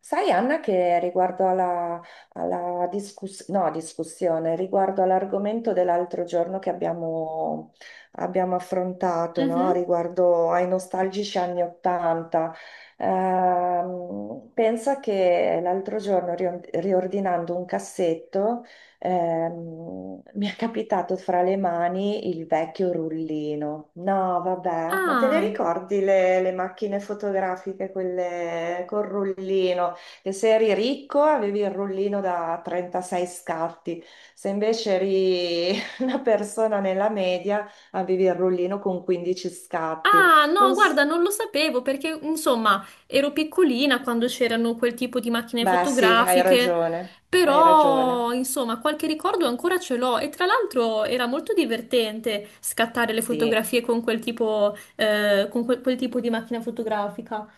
Sai, Anna, che riguardo alla discuss- no, discussione, riguardo all'argomento dell'altro giorno che abbiamo affrontato, no? Mhm. Riguardo ai nostalgici anni Ottanta, pensa che l'altro giorno, riordinando un cassetto, mi è capitato fra le mani il vecchio rullino. No, vabbè, ma te le Ah. ricordi le macchine fotografiche, quelle col rullino? Che se eri ricco avevi il rullino da 36 scatti, se invece eri una persona nella media avevi il rullino con 15 scatti. Ah, no, Non s- guarda, non lo sapevo perché, insomma, ero piccolina quando c'erano quel tipo di macchine Beh, sì, hai fotografiche, ragione, hai però, ragione. insomma, qualche ricordo ancora ce l'ho e tra l'altro era molto divertente scattare le Sì. fotografie con quel tipo, con quel tipo di macchina fotografica.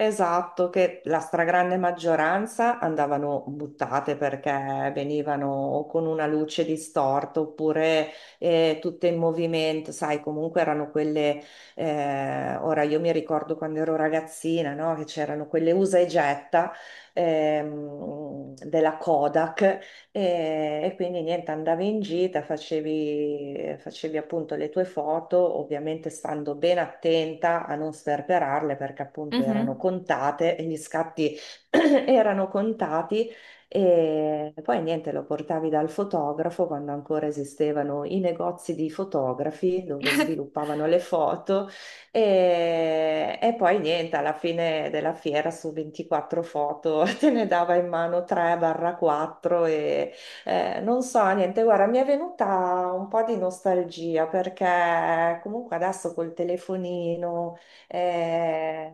Esatto, che la stragrande maggioranza andavano buttate perché venivano o con una luce distorta oppure tutte in movimento, sai, comunque erano quelle. Ora io mi ricordo quando ero ragazzina, no? Che c'erano quelle usa e getta della Kodak e quindi niente, andavi in gita, facevi appunto le tue foto, ovviamente stando ben attenta a non sperperarle perché appunto erano Mhm, contate e gli scatti erano contati. E poi niente, lo portavi dal fotografo quando ancora esistevano i negozi di fotografi dove sviluppavano le foto e poi niente, alla fine della fiera su 24 foto te ne dava in mano 3-4 e non so, niente, guarda, mi è venuta un po' di nostalgia perché comunque adesso col telefonino, eh,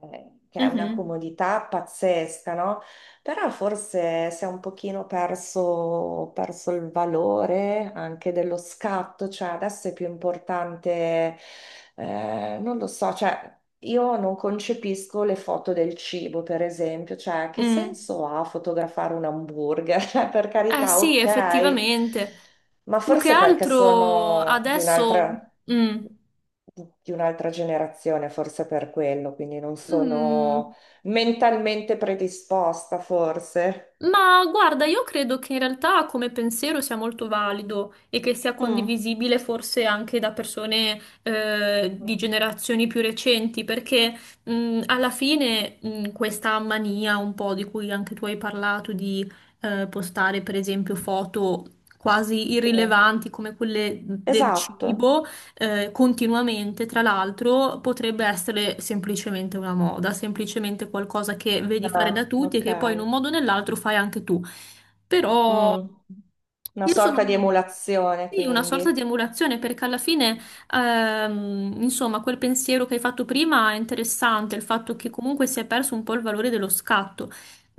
che è una mhm, comodità pazzesca, no? Però forse si è un pochino perso il valore anche dello scatto, cioè adesso è più importante, non lo so, cioè io non concepisco le foto del cibo, per esempio, cioè che mm. senso ha fotografare un hamburger? Cioè, per Eh carità, sì, ok, effettivamente. ma Più che forse perché altro sono di adesso. un'altra Mm. di un'altra generazione, forse per quello, quindi non sono Mm. mentalmente predisposta, forse. Ma guarda, io credo che in realtà come pensiero sia molto valido e che sia Mm. condivisibile forse anche da persone di generazioni più recenti, perché alla fine questa mania un po' di cui anche tu hai parlato, di postare per esempio foto quasi Sì, irrilevanti come quelle del esatto. cibo continuamente, tra l'altro, potrebbe essere semplicemente una moda, semplicemente qualcosa che vedi fare da Ah, tutti e ok. che poi in un modo o nell'altro fai anche tu. Però Mm. Una io sono sorta di emulazione, sì, una sorta di quindi. emulazione perché alla fine, insomma, quel pensiero che hai fatto prima è interessante, il fatto che comunque si è perso un po' il valore dello scatto.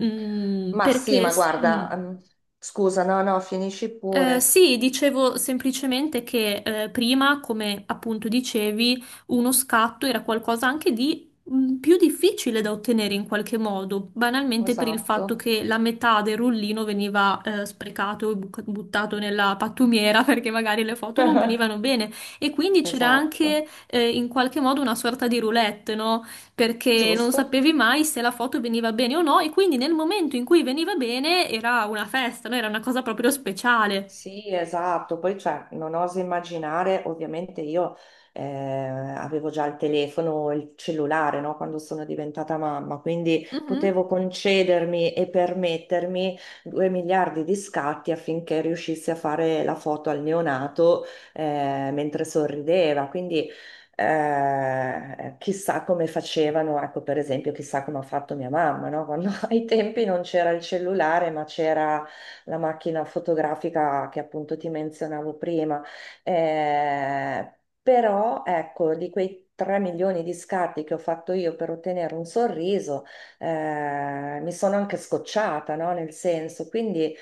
Mm, Ma sì, perché ma s- mm, guarda, scusa, no, no, finisci eh, pure. Sì, dicevo semplicemente che prima, come appunto dicevi, uno scatto era qualcosa anche di più difficile da ottenere in qualche modo, banalmente per il fatto Esatto. che la metà del rullino veniva sprecato e buttato nella pattumiera perché magari le foto non venivano bene e quindi c'era Esatto. anche in qualche modo una sorta di roulette, no? Perché non Giusto. sapevi mai se la foto veniva bene o no e quindi nel momento in cui veniva bene era una festa, no? Era una cosa proprio speciale. Sì, esatto, poi cioè, non oso immaginare, ovviamente io avevo già il telefono, il cellulare, no, quando sono diventata mamma, quindi Mhm. potevo concedermi e permettermi 2 miliardi di scatti affinché riuscissi a fare la foto al neonato mentre sorrideva, quindi chissà come facevano, ecco per esempio, chissà come ha fatto mia mamma, no? Quando ai tempi non c'era il cellulare, ma c'era la macchina fotografica che appunto ti menzionavo prima. Eh, Però ecco, di quei 3 milioni di scatti che ho fatto io per ottenere un sorriso, mi sono anche scocciata, no? Nel senso, quindi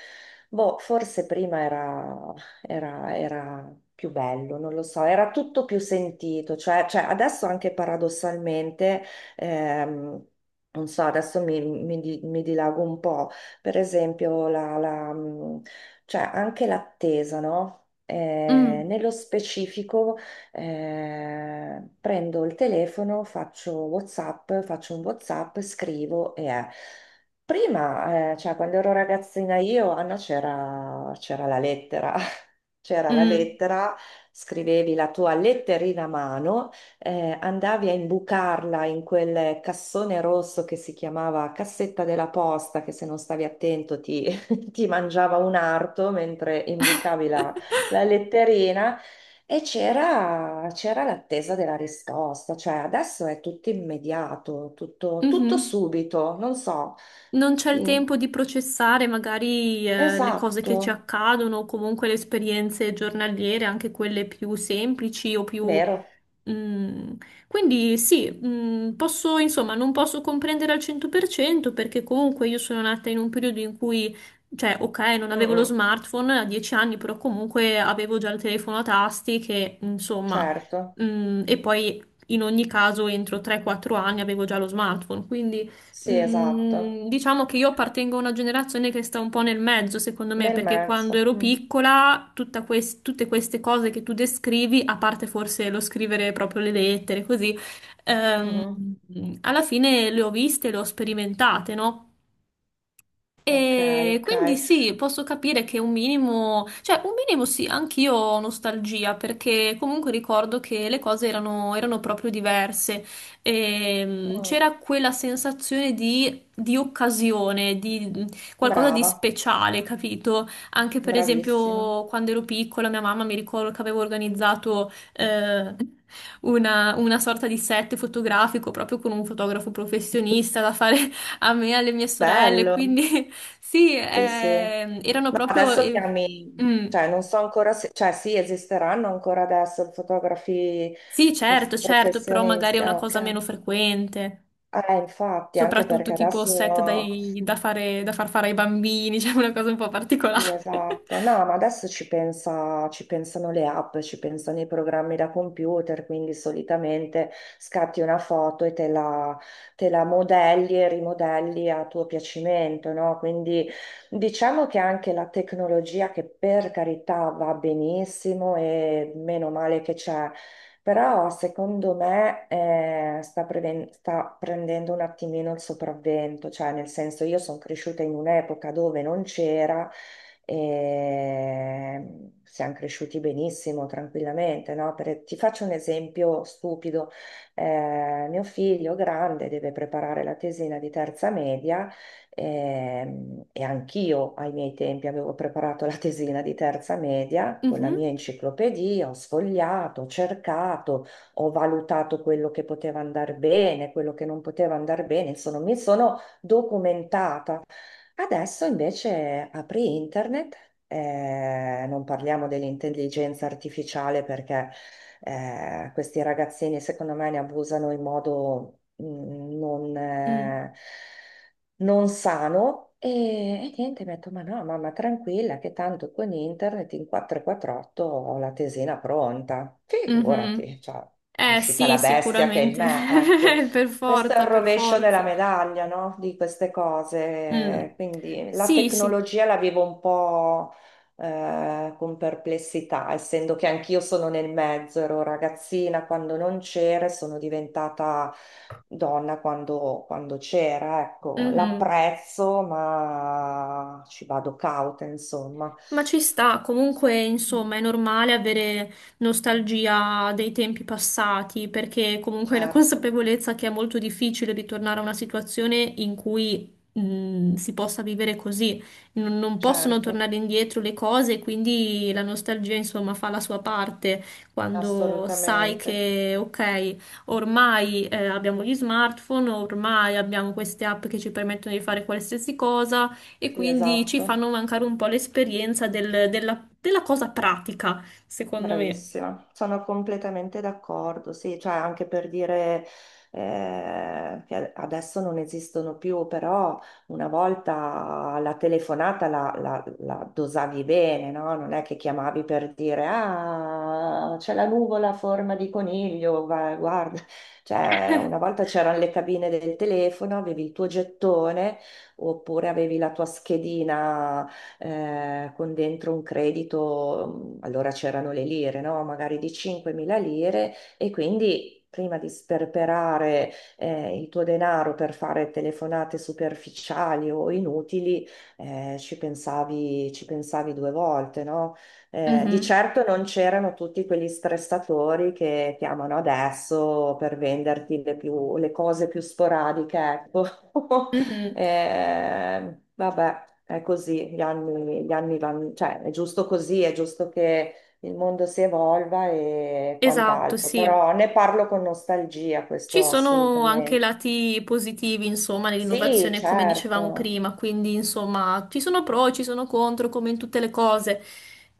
boh, forse prima era più bello, non lo so, era tutto più sentito, cioè, cioè, adesso anche paradossalmente, ehm, non so, adesso mi dilago un po', per esempio, cioè anche l'attesa, no? Mm. Nello specifico, prendo il telefono, faccio un WhatsApp, scrivo e è. Prima, cioè quando ero ragazzina io, Anna, c'era la lettera. C'era la Mm. lettera, scrivevi la tua letterina a mano, andavi a imbucarla in quel cassone rosso che si chiamava cassetta della posta, che se non stavi attento ti, ti mangiava un arto mentre imbucavi la, la letterina. E c'era l'attesa della risposta, cioè adesso è tutto immediato, tutto, tutto Mhm. subito, non so. Non c'è il Sì, tempo di processare magari le cose esatto, che ci accadono o comunque le esperienze giornaliere, anche quelle più semplici o più. vero. Mm, quindi sì, posso, insomma, non posso comprendere al 100% perché comunque io sono nata in un periodo in cui, cioè, ok, non Mm, avevo lo mm. smartphone a 10 anni, però comunque avevo già il telefono a tasti che, insomma, Certo. E poi in ogni caso entro 3-4 anni avevo già lo smartphone, quindi. Sì, esatto, Mm, diciamo che io appartengo a una generazione che sta un po' nel mezzo, secondo me, nel perché quando mezzo. ero Mm. piccola, tutta tutte queste cose che tu descrivi, a parte forse lo scrivere proprio le lettere, così, ehm, Mhm. alla fine le ho viste, le ho sperimentate, no? Ok, E ok. quindi sì, posso capire che un minimo, cioè un minimo sì, anch'io ho nostalgia perché comunque ricordo che le cose erano, erano proprio diverse. Ehm, Mm. c'era quella sensazione di occasione, di qualcosa di Brava, speciale, capito? Anche per bravissima. esempio quando ero piccola, mia mamma mi ricordo che avevo organizzato una, sorta di set fotografico proprio con un fotografo professionista da fare a me, e alle mie sorelle, Bello, quindi sì, sì, sì. Erano No, proprio... adesso eh, chiami, mm. cioè non so ancora se, cioè sì, esisteranno ancora adesso fotografi Sì, certo, certo, però magari è professionisti. una Ah, cosa ok. meno frequente, Infatti, anche soprattutto perché tipo set adesso da far fare ai bambini, cioè una cosa un po' sì, particolare. esatto. No, ma adesso ci pensano le app, ci pensano i programmi da computer, quindi solitamente scatti una foto e te la modelli e rimodelli a tuo piacimento, no? Quindi diciamo che anche la tecnologia, che per carità va benissimo e meno male che c'è, però secondo me sta prendendo un attimino il sopravvento, cioè nel senso io sono cresciuta in un'epoca dove non c'era e siamo cresciuti benissimo, tranquillamente, no? Per- ti faccio un esempio stupido. Mio figlio grande deve preparare la tesina di terza media e anch'io ai miei tempi avevo preparato la tesina di terza media con la Mhm, mia enciclopedia, ho sfogliato, ho cercato, ho valutato quello che poteva andare bene, quello che non poteva andare bene, insomma mi sono documentata. Adesso invece apri internet, non parliamo dell'intelligenza artificiale perché questi ragazzini secondo me ne abusano in modo non, mm, eh, non sano e niente, mi ha detto ma no, mamma tranquilla che tanto con internet in 448 ho la tesina pronta, mhm. figurati, cioè, è Eh uscita sì, la bestia che è in sicuramente, me, ecco. per Questo è il forza, per rovescio della forza. medaglia, no? Di queste cose. Mm. Quindi la Sì, sì. tecnologia la vivo un po' con perplessità, essendo che anch'io sono nel mezzo, ero ragazzina quando non c'era e sono diventata donna quando c'era. Ecco, Mhm. l'apprezzo, ma ci vado cauta, insomma. Ma ci sta, comunque, Mm. insomma, è normale avere nostalgia dei tempi passati, perché comunque la Certo, consapevolezza che è molto difficile ritornare a una situazione in cui si possa vivere così. Non possono certo, tornare indietro le cose, quindi la nostalgia, insomma, fa la sua parte quando sai assolutamente. che, ok, ormai abbiamo gli smartphone, ormai abbiamo queste app che ci permettono di fare qualsiasi cosa e Sì, quindi ci fanno esatto. mancare un po' l'esperienza della cosa pratica, secondo me. Bravissima, sono completamente d'accordo, sì, cioè anche per dire che adesso non esistono più, però una volta la telefonata la dosavi bene, no? Non è che chiamavi per dire ah, c'è la nuvola a forma di coniglio, guarda, cioè una volta c'erano le cabine del telefono, avevi il tuo gettone oppure avevi la tua schedina con dentro un credito, mm, allora c'erano le lire, no? Magari di 5.000 lire e quindi... Prima di sperperare il tuo denaro per fare telefonate superficiali o inutili, ci pensavi due volte, no? Di Mhm, certo non c'erano tutti quegli stressatori che chiamano adesso per venderti le cose più sporadiche, ecco. mhm. Vabbè. È così, gli anni vanno, cioè è giusto così, è giusto che il mondo si evolva e Esatto, quant'altro, sì. però ne parlo con nostalgia, Ci questo sono anche assolutamente. lati positivi, insomma, Sì, nell'innovazione, come dicevamo certo, prima, quindi, insomma, ci sono pro, ci sono contro, come in tutte le cose.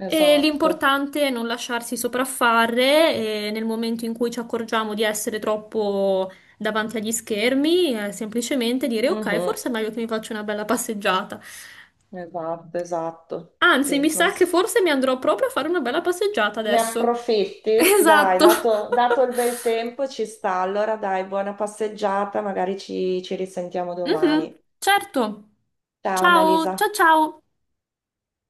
E esatto. l'importante è non lasciarsi sopraffare, e nel momento in cui ci accorgiamo di essere troppo davanti agli schermi, semplicemente dire ok, Mhm. forse è meglio che mi faccio una bella passeggiata. Esatto, esatto. Anzi, mi Sì. non sa che s- forse mi andrò proprio a fare una bella passeggiata Ne adesso. approfitti? Dai, Esatto. dato il bel tempo ci sta, allora dai, buona passeggiata, magari ci risentiamo Mhm, domani. certo. Ciao Ciao, Annalisa. ciao ciao.